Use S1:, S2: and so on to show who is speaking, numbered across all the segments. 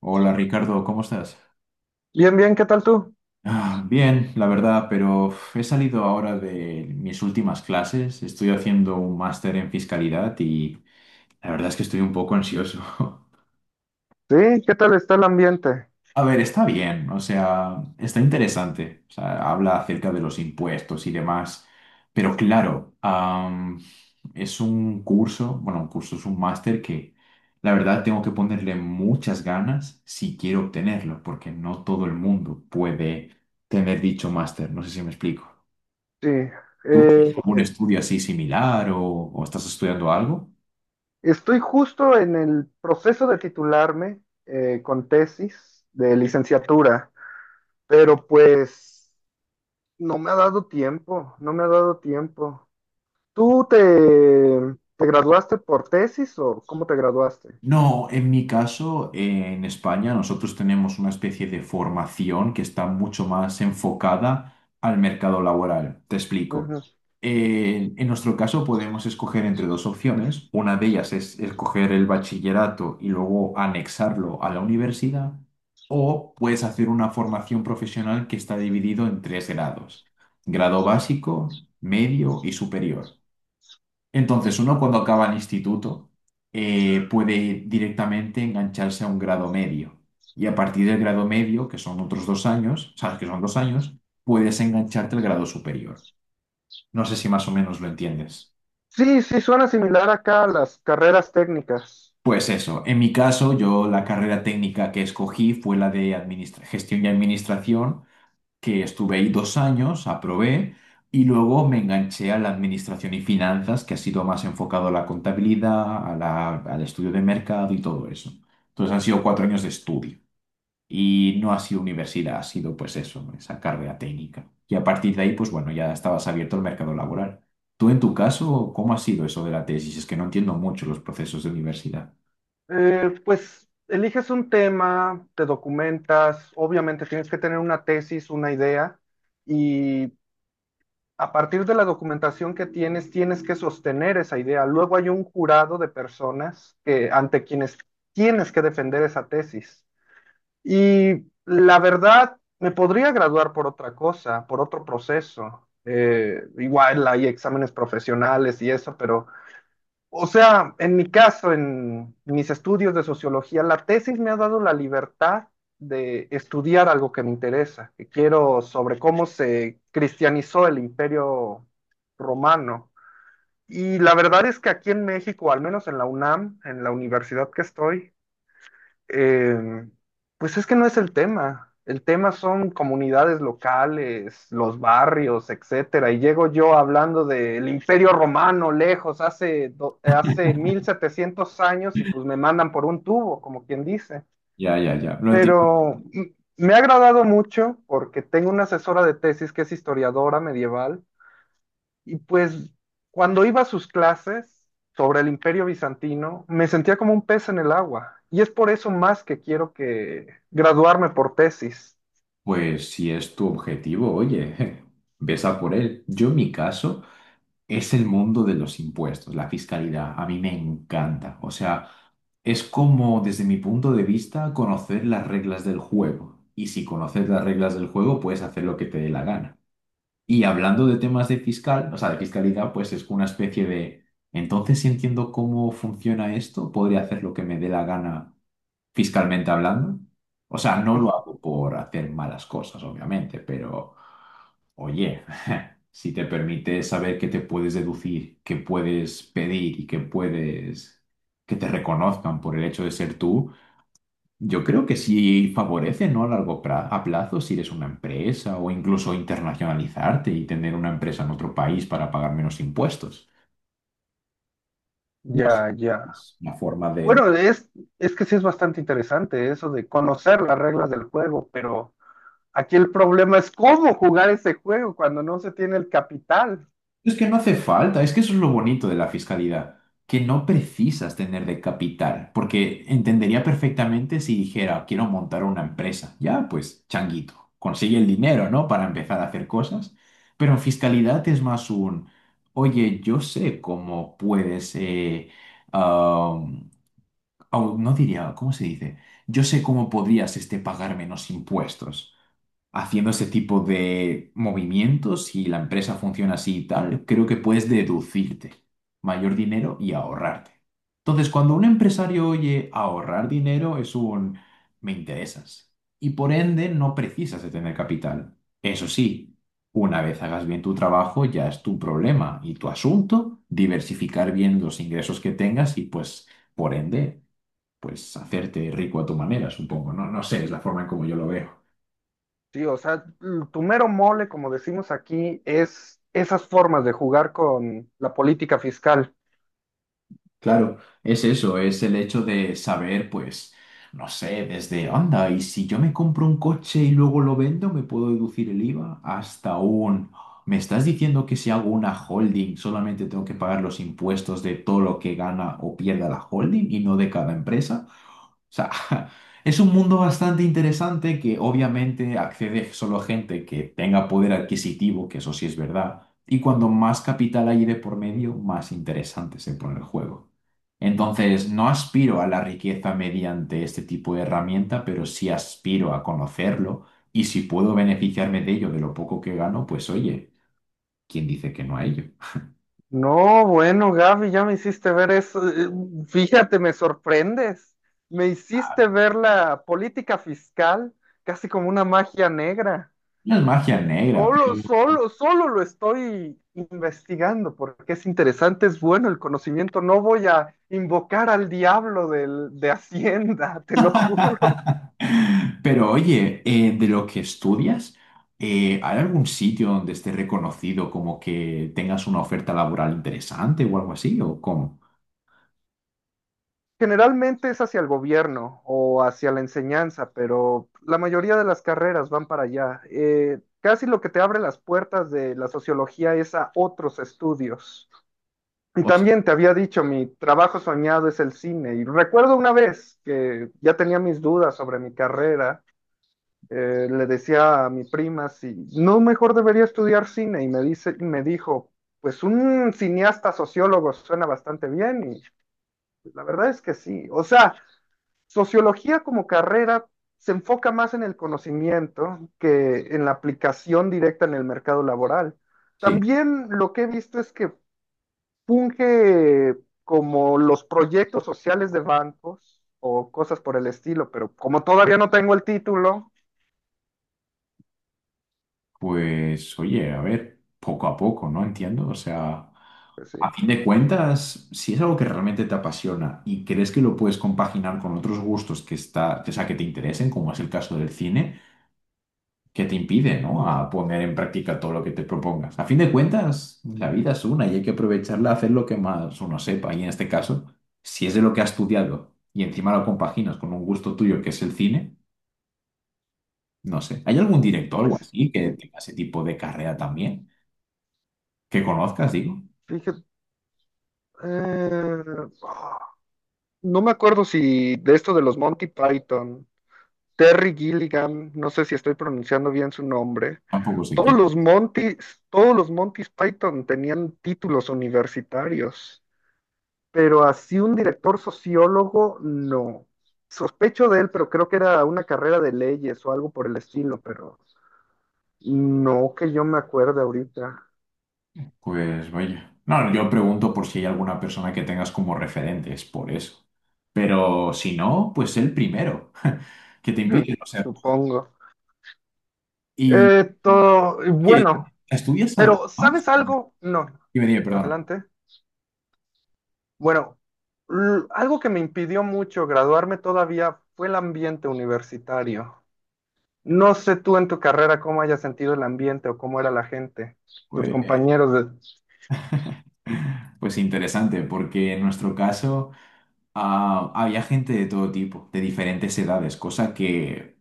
S1: Hola Ricardo, ¿cómo estás?
S2: Bien, bien, ¿qué tal tú?
S1: Ah, bien, la verdad, pero uf, he salido ahora de mis últimas clases, estoy haciendo un máster en fiscalidad y la verdad es que estoy un poco ansioso.
S2: Sí, ¿qué tal está el ambiente?
S1: A ver, está bien, o sea, está interesante. O sea, habla acerca de los impuestos y demás. Pero claro, es un curso, bueno, un curso es un máster que la verdad tengo que ponerle muchas ganas si quiero obtenerlo, porque no todo el mundo puede tener dicho máster. No sé si me explico.
S2: Sí,
S1: ¿Tú tienes
S2: eh,
S1: algún estudio así similar o estás estudiando algo?
S2: estoy justo en el proceso de titularme con tesis de licenciatura, pero pues no me ha dado tiempo, no me ha dado tiempo. ¿Tú te graduaste por tesis o cómo te graduaste?
S1: No, en mi caso, en España nosotros tenemos una especie de formación que está mucho más enfocada al mercado laboral. Te explico.
S2: Ujú.
S1: En nuestro caso podemos escoger entre dos opciones. Una de ellas es escoger el bachillerato y luego anexarlo a la universidad, o puedes hacer una formación profesional que está dividido en tres grados: grado básico, medio y superior. Entonces, uno cuando acaba el instituto puede directamente engancharse a un grado medio. Y a partir del grado medio, que son otros dos años, sabes que son dos años, puedes engancharte al grado superior. No sé si más o menos lo entiendes.
S2: Sí, sí, suena similar acá a las carreras técnicas.
S1: Pues eso, en mi caso, yo la carrera técnica que escogí fue la de gestión y administración, que estuve ahí dos años, aprobé y luego me enganché a la administración y finanzas, que ha sido más enfocado a la contabilidad, a al estudio de mercado y todo eso. Entonces han sido cuatro años de estudio y no ha sido universidad, ha sido pues eso, esa carrera técnica. Y a partir de ahí, pues bueno, ya estabas abierto al mercado laboral. Tú en tu caso, ¿cómo ha sido eso de la tesis? Es que no entiendo mucho los procesos de universidad.
S2: Pues eliges un tema, te documentas, obviamente tienes que tener una tesis, una idea, y a partir de la documentación que tienes, tienes que sostener esa idea. Luego hay un jurado de personas que, ante quienes tienes que defender esa tesis. Y la verdad, me podría graduar por otra cosa, por otro proceso. Igual hay exámenes profesionales y eso, pero... O sea, en mi caso, en mis estudios de sociología, la tesis me ha dado la libertad de estudiar algo que me interesa, que quiero sobre cómo se cristianizó el Imperio Romano. Y la verdad es que aquí en México, al menos en la UNAM, en la universidad que estoy, eh, pues es que no es el tema. El tema son comunidades locales, los barrios, etcétera. Y llego yo hablando del Imperio Romano lejos, hace, hace 1700 años, y pues me mandan por un tubo, como quien dice.
S1: Ya, ya, ya. Lo entiendo.
S2: Pero mm, me ha agradado mucho porque tengo una asesora de tesis que es historiadora medieval y pues cuando iba a sus clases sobre el Imperio Bizantino, me sentía como un pez en el agua. Y es por eso más que quiero que graduarme por tesis.
S1: Pues si es tu objetivo, oye, ves a por él. Yo en mi caso... Es el mundo de los impuestos, la fiscalidad. A mí me encanta. O sea, es como, desde mi punto de vista, conocer las reglas del juego. Y si conoces las reglas del juego, puedes hacer lo que te dé la gana. Y hablando de temas de fiscal, o sea, de fiscalidad, pues es una especie de, entonces si entiendo cómo funciona esto, podría hacer lo que me dé la gana fiscalmente hablando. O sea, no lo hago por hacer malas cosas, obviamente, pero... Oye, si te permite saber qué te puedes deducir, qué puedes pedir y qué puedes que te reconozcan por el hecho de ser tú, yo creo que sí favorece, ¿no? A largo a plazo, si eres una empresa o incluso internacionalizarte y tener una empresa en otro país para pagar menos impuestos. No sé,
S2: Ya, ya.
S1: es una forma de.
S2: Bueno, es que sí es bastante interesante eso de conocer las reglas del juego, pero aquí el problema es cómo jugar ese juego cuando no se tiene el capital.
S1: Es que no hace falta, es que eso es lo bonito de la fiscalidad, que no precisas tener de capital, porque entendería perfectamente si dijera, quiero montar una empresa. Ya, pues, changuito, consigue el dinero, ¿no? Para empezar a hacer cosas. Pero en fiscalidad es más un, oye, yo sé cómo puedes, am, no diría, ¿cómo se dice? Yo sé cómo podrías este, pagar menos impuestos haciendo ese tipo de movimientos y la empresa funciona así y tal, creo que puedes deducirte mayor dinero y ahorrarte. Entonces, cuando un empresario oye ahorrar dinero, es un me interesas. Y por ende, no precisas de tener capital. Eso sí, una vez hagas bien tu trabajo, ya es tu problema y tu asunto diversificar bien los ingresos que tengas y pues, por ende, pues hacerte rico a tu manera, supongo. No, no sé, es la forma en como yo lo veo.
S2: Sí, o sea, tu mero mole, como decimos aquí, es esas formas de jugar con la política fiscal.
S1: Claro, es eso, es el hecho de saber, pues, no sé, desde, anda, y si yo me compro un coche y luego lo vendo, ¿me puedo deducir el IVA? Hasta un, ¿me estás diciendo que si hago una holding solamente tengo que pagar los impuestos de todo lo que gana o pierda la holding y no de cada empresa? O sea, es un mundo bastante interesante que obviamente accede solo a gente que tenga poder adquisitivo, que eso sí es verdad, y cuando más capital hay de por medio, más interesante se pone el juego. Entonces, no aspiro a la riqueza mediante este tipo de herramienta, pero sí aspiro a conocerlo y si puedo beneficiarme de ello, de lo poco que gano, pues oye, ¿quién dice que no a ello?
S2: No, bueno, Gaby, ya me hiciste ver eso. Fíjate, me sorprendes. Me hiciste ver la política fiscal casi como una magia negra.
S1: No es magia negra.
S2: Solo, solo, solo lo estoy investigando porque es interesante, es bueno el conocimiento. No voy a invocar al diablo de Hacienda, te lo juro.
S1: Pero oye, de lo que estudias, ¿hay algún sitio donde esté reconocido como que tengas una oferta laboral interesante o algo así? ¿O cómo?
S2: Generalmente es hacia el gobierno o hacia la enseñanza, pero la mayoría de las carreras van para allá. Casi lo que te abre las puertas de la sociología es a otros estudios. Y
S1: O sea,
S2: también te había dicho, mi trabajo soñado es el cine. Y recuerdo una vez que ya tenía mis dudas sobre mi carrera, le decía a mi prima si no mejor debería estudiar cine y me dijo, pues un cineasta sociólogo suena bastante bien y la verdad es que sí. O sea, sociología como carrera se enfoca más en el conocimiento que en la aplicación directa en el mercado laboral.
S1: sí,
S2: También lo que he visto es que funge como los proyectos sociales de bancos o cosas por el estilo, pero como todavía no tengo el título,
S1: pues oye, a ver, poco a poco, ¿no? Entiendo. O sea,
S2: pues
S1: a
S2: sí,
S1: fin de cuentas, si es algo que realmente te apasiona y crees que lo puedes compaginar con otros gustos que está, o sea, que te interesen, como es el caso del cine. Que te impide, ¿no? A poner en práctica todo lo que te propongas. A fin de cuentas, la vida es una y hay que aprovecharla a hacer lo que más uno sepa. Y en este caso, si es de lo que has estudiado y encima lo compaginas con un gusto tuyo que es el cine, no sé. ¿Hay algún director o
S2: pues
S1: algo así que
S2: sí,
S1: tenga ese tipo de carrera también? Que conozcas, digo.
S2: fíjate, eh, ah, no me acuerdo si de esto de los Monty Python, Terry Gilligan, no sé si estoy pronunciando bien su nombre.
S1: Tampoco sé
S2: Todos
S1: quién.
S2: los Montis, todos los Montis Python tenían títulos universitarios, pero así un director sociólogo, no. Sospecho de él, pero creo que era una carrera de leyes o algo por el estilo, pero no que yo me acuerde ahorita.
S1: Pues vaya. No, yo pregunto por si hay alguna persona que tengas como referente, es por eso. Pero si no, pues el primero que te
S2: Hmm,
S1: impide, o sea,
S2: supongo.
S1: y, oye,
S2: Bueno,
S1: ¿estudias algo
S2: pero
S1: más?
S2: ¿sabes algo? No.
S1: Dime, dime, perdón.
S2: Adelante. Bueno, algo que me impidió mucho graduarme todavía fue el ambiente universitario. No sé tú en tu carrera cómo hayas sentido el ambiente o cómo era la gente, tus
S1: Pues,
S2: compañeros.
S1: pues interesante, porque en nuestro caso había gente de todo tipo, de diferentes edades, cosa que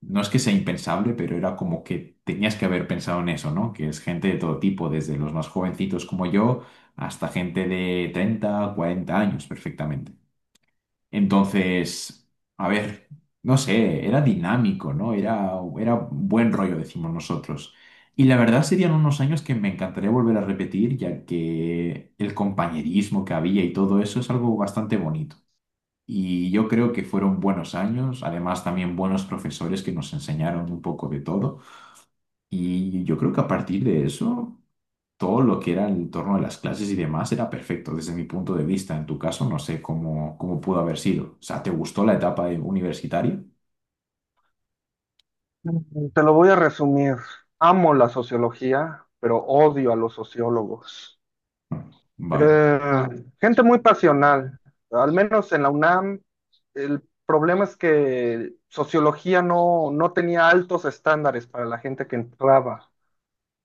S1: no es que sea impensable, pero era como que tenías que haber pensado en eso, ¿no? Que es gente de todo tipo, desde los más jovencitos como yo hasta gente de 30, 40 años, perfectamente. Entonces, a ver, no sé, era dinámico, ¿no? Era buen rollo, decimos nosotros. Y la verdad serían unos años que me encantaría volver a repetir, ya que el compañerismo que había y todo eso es algo bastante bonito. Y yo creo que fueron buenos años, además también buenos profesores que nos enseñaron un poco de todo. Y yo creo que a partir de eso todo lo que era el entorno de las clases y demás era perfecto desde mi punto de vista. En tu caso, no sé cómo pudo haber sido. O sea, ¿te gustó la etapa universitaria?
S2: Te lo voy a resumir. Amo la sociología, pero odio a los sociólogos.
S1: Mm, vaya,
S2: Eh, gente muy pasional. Al menos en la UNAM, el problema es que sociología no tenía altos estándares para la gente que entraba.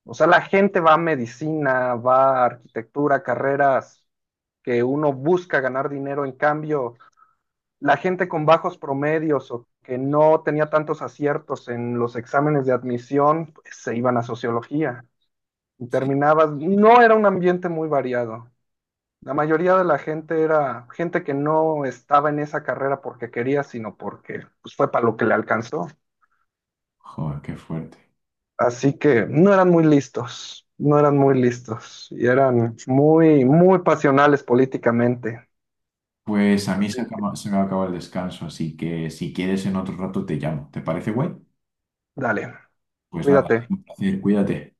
S2: O sea, la gente va a medicina, va a arquitectura, carreras que uno busca ganar dinero en cambio. La gente con bajos promedios o que no tenía tantos aciertos en los exámenes de admisión, pues, se iban a sociología y
S1: sí,
S2: terminabas, no era un ambiente muy variado. La mayoría de la gente era gente que no estaba en esa carrera porque quería, sino porque pues, fue para lo que le alcanzó.
S1: joder, qué fuerte.
S2: Así que no eran muy listos, no eran muy listos y eran muy, muy pasionales políticamente.
S1: Pues a mí se, sí,
S2: Así que
S1: se me acaba el descanso, así que si quieres en otro rato te llamo. ¿Te parece guay?
S2: dale,
S1: Pues nada, ha
S2: cuídate.
S1: sido un placer, cuídate.